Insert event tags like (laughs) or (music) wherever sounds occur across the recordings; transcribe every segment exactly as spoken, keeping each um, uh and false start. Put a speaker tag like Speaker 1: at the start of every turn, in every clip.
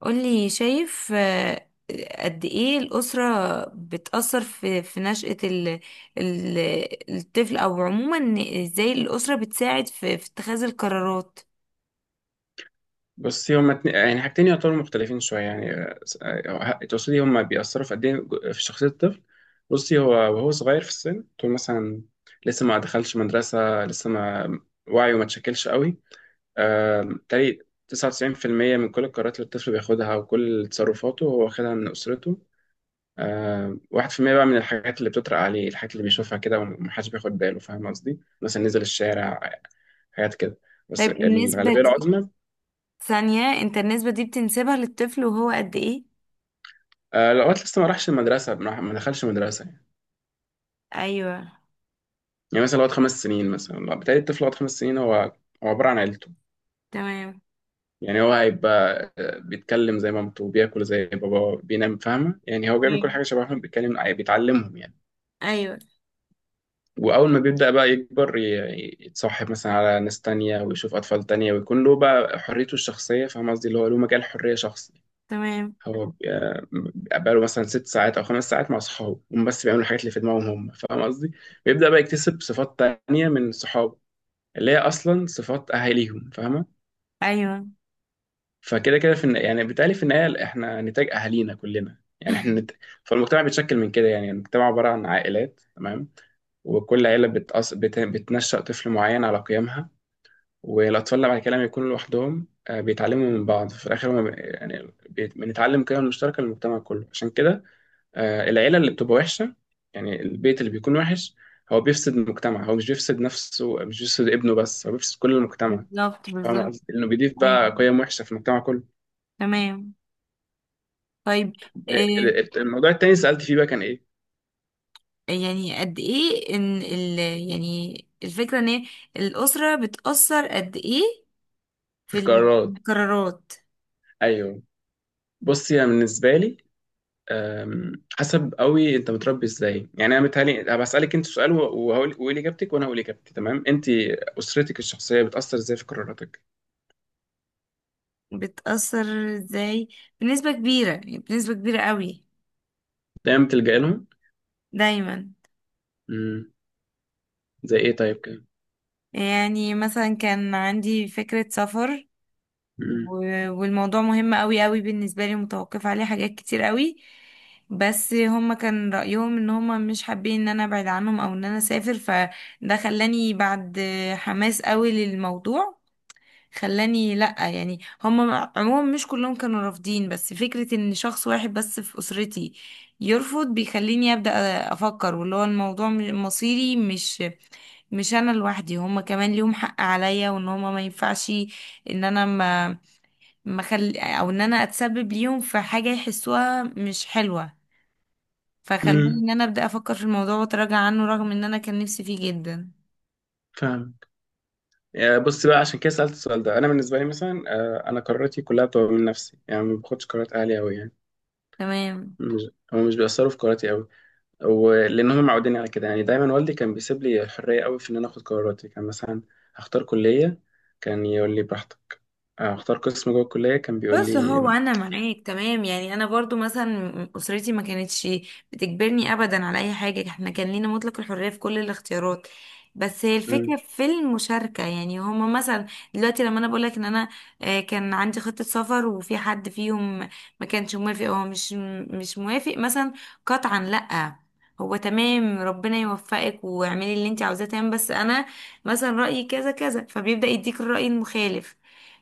Speaker 1: قولي شايف آه، قد ايه الأسرة بتأثر في في نشأة ال ال الطفل او عموما إن ازاي الأسرة بتساعد في في اتخاذ القرارات.
Speaker 2: بس هما اتنين- يعني حاجتين يعتبروا مختلفين شوية يعني آه، آه، تقصدي هما بيأثروا في قد إيه جو- في شخصية الطفل. بصي، هو وهو صغير في السن، طول مثلا لسه ما دخلش مدرسة، لسه ما وعيه ما اتشكلش قوي. آه، تقريبا تسعة وتسعون في المئة من كل القرارات اللي الطفل بياخدها، وكل تصرفاته هو واخدها من أسرته. آه، واحد في المئة بقى من الحاجات اللي بتطرق عليه، الحاجات اللي بيشوفها كده ومحدش بياخد باله، فاهم قصدي؟ مثلا نزل الشارع، حاجات كده. بس
Speaker 1: طيب النسبة
Speaker 2: الغالبية
Speaker 1: دي
Speaker 2: العظمى.
Speaker 1: ثانية انت النسبة دي بتنسبها للطفل وهو قد ايه؟
Speaker 2: آه، لو الوقت لسه ما راحش المدرسة، ما راح- ما دخلش مدرسة يعني.
Speaker 1: ايوه.
Speaker 2: يعني مثلا لو قعد خمس سنين، مثلا لو- بالتالي الطفل لو قعد خمس سنين، هو هو عبارة عن عيلته.
Speaker 1: تمام.
Speaker 2: يعني هو هيبقى آه، بيتكلم زي مامته، بياكل زي باباه، بينام، فاهمة؟ يعني هو بيعمل كل
Speaker 1: ايوه.
Speaker 2: حاجة شبههم، بيتكلم آه، بيتعلمهم يعني.
Speaker 1: ايوه.
Speaker 2: وأول ما بيبدأ بقى يكبر، ي- يتصاحب مثلا على ناس تانية، ويشوف أطفال تانية، ويكون له بقى حريته الشخصية، فاهم قصدي؟ اللي هو له مجال حرية شخص.
Speaker 1: تمام.
Speaker 2: هو بي- آه، بقاله مثلا ست ساعات او خمس ساعات مع صحابه، هم بس بيعملوا الحاجات اللي في دماغهم هم، فاهم قصدي؟ بيبدا بقى يكتسب صفات تانية من صحابه، اللي هي اصلا صفات اهاليهم، فاهمه؟
Speaker 1: ايوه.
Speaker 2: فكده كده في الن- يعني بالتالي في النهايه احنا نتاج اهالينا كلنا، يعني احنا نت...
Speaker 1: (laughs)
Speaker 2: فالمجتمع بيتشكل من كده، يعني المجتمع عباره عن عائلات، تمام. وكل عيله بتأص... بت... بتنشأ طفل معين على قيمها. والاطفال اللي بعد كده لما يكونوا لوحدهم آه، بيتعلموا من بعض في الاخر هم، يعني بي- بنتعلم قيم مشتركه للمجتمع كله، عشان كده. آه، العيلة اللي بتبقى وحشة، يعني البيت اللي بيكون وحش، هو بيفسد المجتمع، هو مش بيفسد نفسه، مش بيفسد ابنه بس، هو بيفسد كل المجتمع.
Speaker 1: بالظبط
Speaker 2: فاهم
Speaker 1: بالظبط.
Speaker 2: قصدي؟ لأنه بيضيف
Speaker 1: ايوه.
Speaker 2: بقى قيم وحشة في المجتمع كله.
Speaker 1: تمام. طيب.
Speaker 2: ال-
Speaker 1: إيه.
Speaker 2: ال- الموضوع التاني اللي سألت فيه بقى كان إيه؟
Speaker 1: يعني قد ايه ان ال، يعني الفكرة ان هي الأسرة بتأثر قد ايه
Speaker 2: في
Speaker 1: في
Speaker 2: القرارات.
Speaker 1: القرارات.
Speaker 2: أيوه. بصي، أنا بالنسبة لي أم، حسب قوي أنت متربي إزاي. يعني أنا متهيألي أنا بسألك أنت سؤال، وه- وهقول وقولي إجابتك وأنا هقول إجابتي، تمام؟ أنت أسرتك الشخصية بتأثر إزاي في قراراتك؟
Speaker 1: بتأثر ازاي؟ بنسبة كبيرة يعني بنسبة كبيرة قوي.
Speaker 2: دايما بتلجأ لهم؟
Speaker 1: دايما.
Speaker 2: مم. زي إيه طيب كده؟
Speaker 1: يعني مثلا كان عندي فكرة سفر
Speaker 2: مم.
Speaker 1: و- والموضوع مهم قوي قوي بالنسبة لي، متوقف عليه حاجات كتير قوي، بس هما كان رأيهم ان هما مش حابين ان انا ابعد عنهم او ان انا اسافر، فده خلاني بعد حماس قوي للموضوع، خلاني لأ يعني هم عموما مش كلهم كانوا رافضين، بس فكرة ان شخص واحد بس في أسرتي يرفض بيخليني أبدأ أفكر، واللي هو الموضوع م- مصيري، مش مش أنا لوحدي، هم كمان ليهم حق عليا، وان هم ما ينفعش ان أنا ما ما خل... أو ان أنا أتسبب ليهم في حاجة يحسوها مش حلوة، فخلاني
Speaker 2: مم.
Speaker 1: ان أنا أبدأ أفكر في الموضوع وأتراجع عنه رغم ان أنا كان نفسي فيه جدا.
Speaker 2: فاهم. يعني بص بقى، عشان كده سألت السؤال ده. انا بالنسبه لي مثلا آه، انا قراراتي كلها بتبقى من نفسي، يعني ما باخدش قرارات اهلي قوي يعني.
Speaker 1: تمام
Speaker 2: مش، هم مش بيأثروا في قراراتي قوي. ولان هم معودين على كده، يعني دايما والدي كان بيسيب لي الحريه قوي في ان انا اخد قراراتي. كان مثلا هختار كليه، كان يقول لي براحتك، آه، هختار قسم جوه الكليه كان بيقول
Speaker 1: بس
Speaker 2: لي.
Speaker 1: هو انا معاك، تمام يعني انا برضو مثلا اسرتي ما كانتش بتجبرني ابدا على اي حاجه، احنا كان لينا مطلق الحريه في كل الاختيارات، بس هي
Speaker 2: مم،
Speaker 1: الفكره في المشاركه، يعني هما مثلا دلوقتي لما انا بقول لك ان انا آه، كان عندي خطه سفر وفي حد فيهم ما كانش موافق، هو مش مش موافق مثلا قطعا لا، هو تمام ربنا يوفقك واعملي اللي انت عاوزاه، تمام بس انا مثلا رايي كذا كذا، فبيبدا يديك الراي المخالف،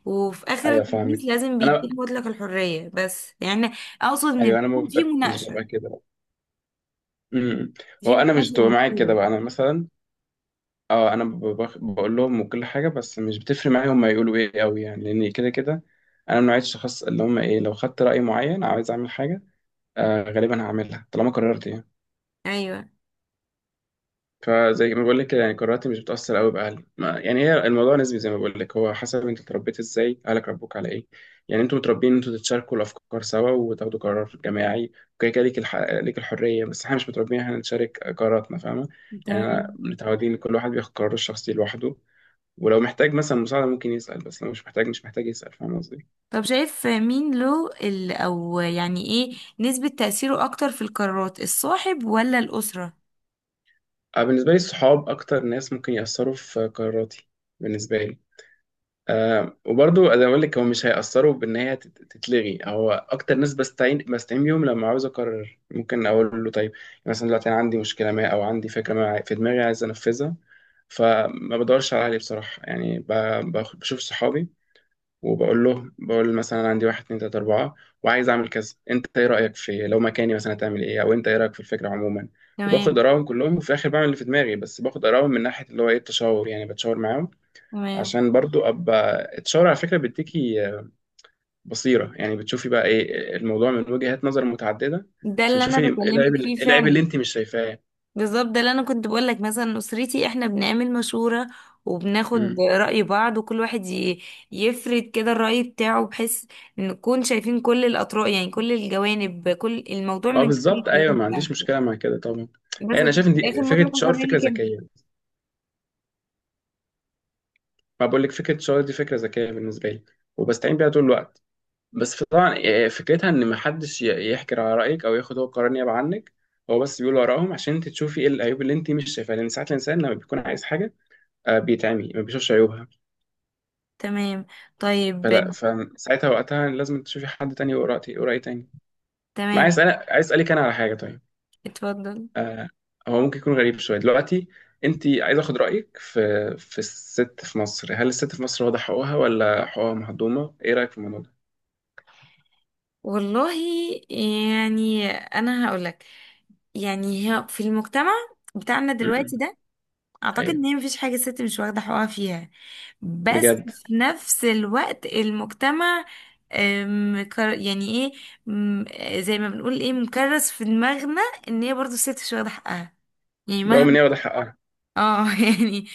Speaker 1: وفي اخر
Speaker 2: ايوه،
Speaker 1: الحديث
Speaker 2: فاهمك.
Speaker 1: لازم
Speaker 2: انا
Speaker 1: بيديك مطلق الحرية بس يعني اقصد ان
Speaker 2: ايوه، انا ما
Speaker 1: بيكون في
Speaker 2: ببقى- مش
Speaker 1: مناقشة،
Speaker 2: ببقى كده بقى. مم. هو
Speaker 1: في
Speaker 2: انا مش
Speaker 1: مناقشة
Speaker 2: بتبقى معايا كده
Speaker 1: منصورة.
Speaker 2: بقى. انا مثلا اه انا ب- بخ- بقول لهم وكل حاجه، بس مش بتفرق معايا هم يقولوا ايه قوي، يعني لان كده كده. انا من نوعيه الشخص اللي، هم ايه، لو خدت راي معين عايز اعمل حاجه، آه غالبا هعملها طالما قررت يعني.
Speaker 1: ايوه.
Speaker 2: فزي ما بقول لك كده، يعني قراراتي مش بتاثر قوي باهلي. ما يعني هي الموضوع نسبي، زي ما بقول لك هو حسب انت اتربيت ازاي، اهلك ربوك على ايه. يعني انتوا متربيين ان انتوا تتشاركوا الافكار سوا، وتاخدوا قرار جماعي وكده كده، ليك الح... ليك الحريه. بس احنا مش متربيين إن احنا نشارك قراراتنا، فاهمه. يعني انا
Speaker 1: تمام.
Speaker 2: متعودين كل واحد بياخد قراره الشخصي لوحده، ولو محتاج مثلا مساعدة ممكن يسأل، بس لو مش محتاج مش محتاج يسأل، فاهم قصدي؟
Speaker 1: طب شايف مين له ال، او يعني ايه نسبة تأثيره اكتر في القرارات، الصاحب ولا الأسرة؟
Speaker 2: أنا بالنسبة لي، الصحاب أكتر ناس ممكن يأثروا في قراراتي بالنسبة لي. أه، وبرضو أنا بقول لك هو مش هيأثروا بإن هي تت- تتلغي. هو أكتر ناس بستعين بستعين بيهم لما عاوز أقرر، ممكن أقول له طيب. مثلا دلوقتي أنا عندي مشكلة ما، أو عندي فكرة ما عاي- في دماغي عايز أنفذها. فما بدورش على أهلي بصراحة، يعني ب- بخ- بشوف صحابي. وبقول له، بقول مثلا عندي واحد، اتنين، تلاته، اربعه، وعايز اعمل كذا، انت ايه رايك؟ في لو مكاني مثلا هتعمل ايه، او انت ايه رايك في الفكره عموما. وباخد
Speaker 1: تمام.
Speaker 2: ارائهم كلهم، وفي الاخر بعمل اللي في دماغي، بس باخد ارائهم من ناحيه اللي هو ايه التشاور، يعني بتشاور معاهم.
Speaker 1: تمام.
Speaker 2: عشان برضو ابقى التشاور على فكره بيديكي آه، بصيره، يعني بتشوفي بقى ايه الموضوع من وجهات نظر متعدده.
Speaker 1: ده
Speaker 2: عشان
Speaker 1: اللي انا
Speaker 2: تشوفي ايه العيب،
Speaker 1: بكلمك فيه
Speaker 2: ايه العيب اللي
Speaker 1: فعلا.
Speaker 2: انت مش شايفاه.
Speaker 1: بالظبط ده اللي انا كنت بقول لك، مثلا اسرتي احنا بنعمل مشورة وبناخد
Speaker 2: امم
Speaker 1: رأي بعض، وكل واحد ي- يفرد كده الرأي بتاعه، بحيث ان نكون شايفين كل الأطراف، يعني كل الجوانب، كل الموضوع
Speaker 2: اه،
Speaker 1: من كل
Speaker 2: بالظبط، ايوه، ما
Speaker 1: الجوانب
Speaker 2: عنديش
Speaker 1: بتاعته.
Speaker 2: مشكله مع كده طبعا.
Speaker 1: بس
Speaker 2: يعني انا
Speaker 1: لكن
Speaker 2: شايف ان
Speaker 1: في الاخر
Speaker 2: دي فكره
Speaker 1: مطلق
Speaker 2: التشاور
Speaker 1: الحرية
Speaker 2: فكره
Speaker 1: ليك انت.
Speaker 2: ذكيه، ما بقول لك فكره الشغل دي فكره ذكيه بالنسبه لي، وبستعين بيها طول الوقت. بس طبعا آه، فكرتها ان محدش ي- يحكي على رايك، او ياخد هو قرار نيابه عنك. هو بس بيقول وراهم عشان انت تشوفي ايه العيوب اللي انت مش شايفاها، لان ساعات الانسان لما بيكون عايز حاجه آه، بيتعمي ما بيشوفش عيوبها.
Speaker 1: تمام. طيب.
Speaker 2: فلا، فساعتها وقتها لازم تشوفي حد تاني يقرا، يقرا ايه تاني. ما
Speaker 1: تمام.
Speaker 2: عايز اسالك، عايز اسالك انا على حاجه طيب.
Speaker 1: اتفضل.
Speaker 2: آه، هو ممكن يكون غريب شويه دلوقتي. انت عايز اخد رايك في، في الست في مصر. هل الست في مصر واضح حقوقها ولا حقوقها مهضومه؟ ايه رايك في الموضوع
Speaker 1: والله يعني انا هقول لك، يعني هي في المجتمع بتاعنا
Speaker 2: ده؟
Speaker 1: دلوقتي ده اعتقد
Speaker 2: ايوه،
Speaker 1: ان هي مفيش حاجه الست مش واخده حقها فيها، بس
Speaker 2: بجد،
Speaker 1: في نفس الوقت المجتمع أم، كر- يعني ايه، أم، زي ما بنقول ايه مكرس في دماغنا ان هي برضو الست مش واخده حقها، يعني
Speaker 2: برغم ان
Speaker 1: مهما،
Speaker 2: هي واخده حقها.
Speaker 1: اه (laughs) يعني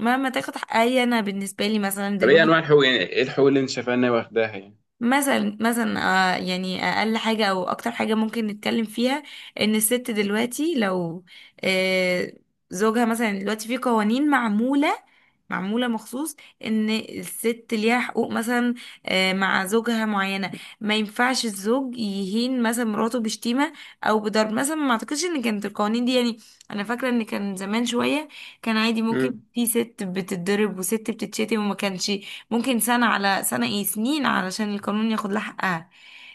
Speaker 1: مهما تاخد حقها هي، انا بالنسبه لي مثلا
Speaker 2: طب ايه انواع
Speaker 1: دلوقتي،
Speaker 2: الحقوق، يعني ايه الحقوق اللي انت شايفها ان هي واخداها يعني.
Speaker 1: مثلا مثلا آه يعني اقل حاجه او اكتر حاجه ممكن نتكلم فيها، ان الست دلوقتي لو آه زوجها مثلا، دلوقتي في قوانين معموله، معموله مخصوص ان الست ليها حقوق مثلا آه مع زوجها معينه، ما ينفعش الزوج يهين مثلا مراته بشتيمه او بضرب مثلا، ما اعتقدش ان كانت القوانين دي يعني، انا فاكره ان كان زمان شويه كان عادي ممكن
Speaker 2: امم.
Speaker 1: في ست بتتضرب وست بتتشتم، وما كانش ممكن سنة على سنة، ايه سنين علشان القانون ياخد لها حقها.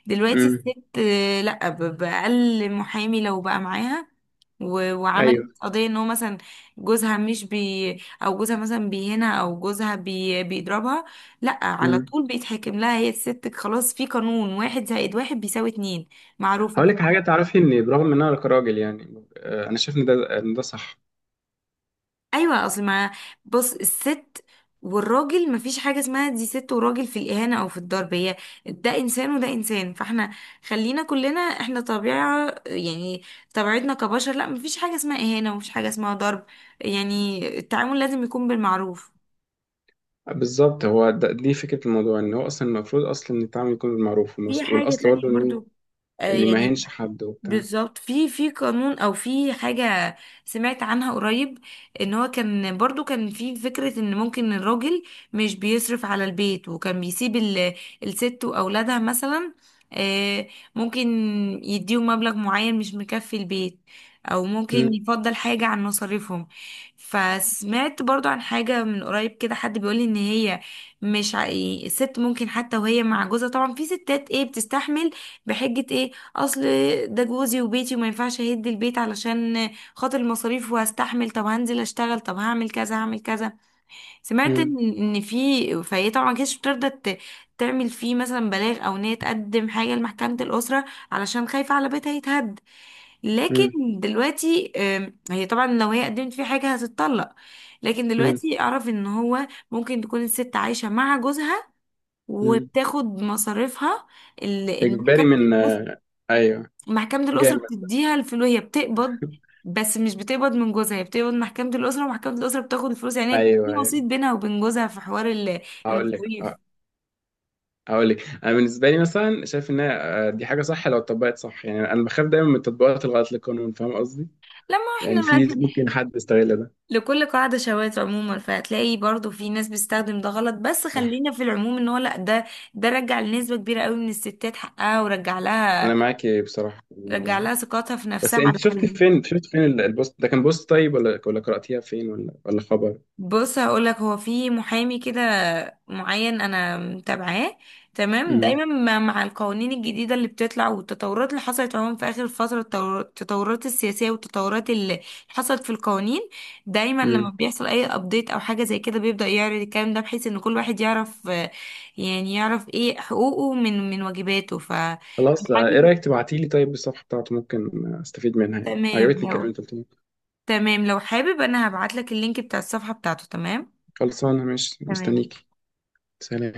Speaker 1: دلوقتي
Speaker 2: امم.
Speaker 1: الست آه، لا ب- بأقل محامي لو بقى معاها و- وعملت
Speaker 2: ايوه.
Speaker 1: قضية ان هو مثلا جوزها مش بي او جوزها مثلا بيهينها، او جوزها بي بيضربها، لا على
Speaker 2: امم.
Speaker 1: طول بيتحكم لها هي الست، خلاص في قانون واحد زائد واحد بيساوي اتنين معروفة.
Speaker 2: هقول لك حاجه تعرفي، ان برغم ان انا كراجل يعني آه، انا شايف ان ده ان ده صح.
Speaker 1: ايوه اصل ما، بص الست والراجل مفيش حاجه اسمها دي ست وراجل في الاهانه او في الضرب، هي ده انسان وده انسان، فاحنا خلينا كلنا احنا طبيعه يعني، طبيعتنا كبشر، لا مفيش حاجه اسمها اهانه، ومفيش حاجه اسمها ضرب، يعني التعامل لازم يكون بالمعروف.
Speaker 2: بالظبط، هو ده دي فكره الموضوع، ان هو اصلا المفروض اصلا ان التعامل يكون بالمعروف،
Speaker 1: في
Speaker 2: والمس-
Speaker 1: حاجه
Speaker 2: والاصل
Speaker 1: تانية
Speaker 2: برضه ان
Speaker 1: برضو آه
Speaker 2: ان ما
Speaker 1: يعني،
Speaker 2: يهينش حد وبتاع.
Speaker 1: بالظبط في في قانون او في حاجة سمعت عنها قريب، ان هو كان برضو كان في فكرة ان ممكن الراجل مش بيصرف على البيت، وكان بيسيب ال- الست واولادها مثلا، آه، ممكن يديهم مبلغ معين مش مكفي البيت، او ممكن
Speaker 2: امم.
Speaker 1: يفضل حاجة عن مصاريفهم. فسمعت برضو عن حاجة من قريب كده، حد بيقولي ان هي مش ع- الست ممكن حتى وهي مع جوزها، طبعا في ستات ايه بتستحمل بحجة ايه، اصل ده جوزي وبيتي وما ينفعش اهد البيت علشان خاطر المصاريف، وهستحمل طب هنزل اشتغل طب هعمل كذا هعمل كذا. سمعت
Speaker 2: امم.
Speaker 1: ان إن في، فهي طبعا كانتش بترضى ت- تعمل فيه مثلا بلاغ او ان هي تقدم حاجه لمحكمه الاسره علشان خايفه على بيتها يتهد،
Speaker 2: امم.
Speaker 1: لكن دلوقتي آم، هي طبعا لو هي قدمت فيه حاجه هتتطلق، لكن
Speaker 2: امم.
Speaker 1: دلوقتي اعرف ان هو ممكن تكون الست عايشه مع جوزها
Speaker 2: أمم.
Speaker 1: وبتاخد مصاريفها.
Speaker 2: اجباري
Speaker 1: المحكمة،
Speaker 2: من آه، ايوه.
Speaker 1: محكمة الأسرة
Speaker 2: جامد.
Speaker 1: بتديها الفلوس، هي بتقبض.
Speaker 2: (laughs)
Speaker 1: بس مش بتقبض من جوزها، هي بتقبض محكمة الأسرة، ومحكمة الأسرة بتاخد الفلوس، يعني هي في
Speaker 2: ايوه، ايوه،
Speaker 1: وسيط بينها وبين جوزها في حوار ال-
Speaker 2: هقول لك.
Speaker 1: المصاريف.
Speaker 2: هاقول لِك، أنا بالنسبة لي مثلًا شايف إن هي آآ، دي حاجة صح لو اتطبّقت صح، يعني أنا باخاف دايمًا من التطبيقات الغلط للقانون، فاهمة قصدي؟
Speaker 1: لما احنا
Speaker 2: يعني في ممكن حد يستغل ده،
Speaker 1: (laughs) لكل قاعدة شواذ عموما، فهتلاقي برضو في ناس بتستخدم ده غلط، بس
Speaker 2: صح،
Speaker 1: خلينا في العموم ان هو لا، ده ده رجع لنسبة كبيرة قوي من الستات حقها ورجع
Speaker 2: أنا
Speaker 1: لها،
Speaker 2: معاكِ بصراحة في الموضوع
Speaker 1: رجع
Speaker 2: ده.
Speaker 1: لها ثقتها في
Speaker 2: بس
Speaker 1: نفسها
Speaker 2: أنتِ
Speaker 1: على
Speaker 2: شُفتِ
Speaker 1: الحل.
Speaker 2: فين شُفتِ فين ال الpost ده، كان post طيب والّا والّا قرأتيها فين والّا والّا خبر؟
Speaker 1: بص هقولك هو في محامي كده معين انا متابعاه، تمام
Speaker 2: إمم.
Speaker 1: دايما ما- مع القوانين الجديده اللي بتطلع والتطورات اللي حصلت عموما في اخر فتره، التطور- التطورات السياسيه والتطورات اللي حصلت في القوانين، دايما لما
Speaker 2: إمم.
Speaker 1: بيحصل اي ابديت او حاجه زي كده بيبدا يعرض الكلام ده، بحيث ان كل واحد يعرف، آه، يعني يعرف ايه حقوقه من من واجباته ف.
Speaker 2: خلاص آه، إيه
Speaker 1: حابب.
Speaker 2: رأيِك تبعتي لي طيب الصفحة بتاعته، ممكن آه، أستفيد منها يعني،
Speaker 1: تمام
Speaker 2: عجبتني الكلام
Speaker 1: لو،
Speaker 2: اللي أنتِ قُلتيه.
Speaker 1: تمام لو حابب انا هبعتلك اللينك بتاع الصفحه بتاعته. تمام.
Speaker 2: خلصانة ماشي،
Speaker 1: تمام.
Speaker 2: مستنيكِ. سلام.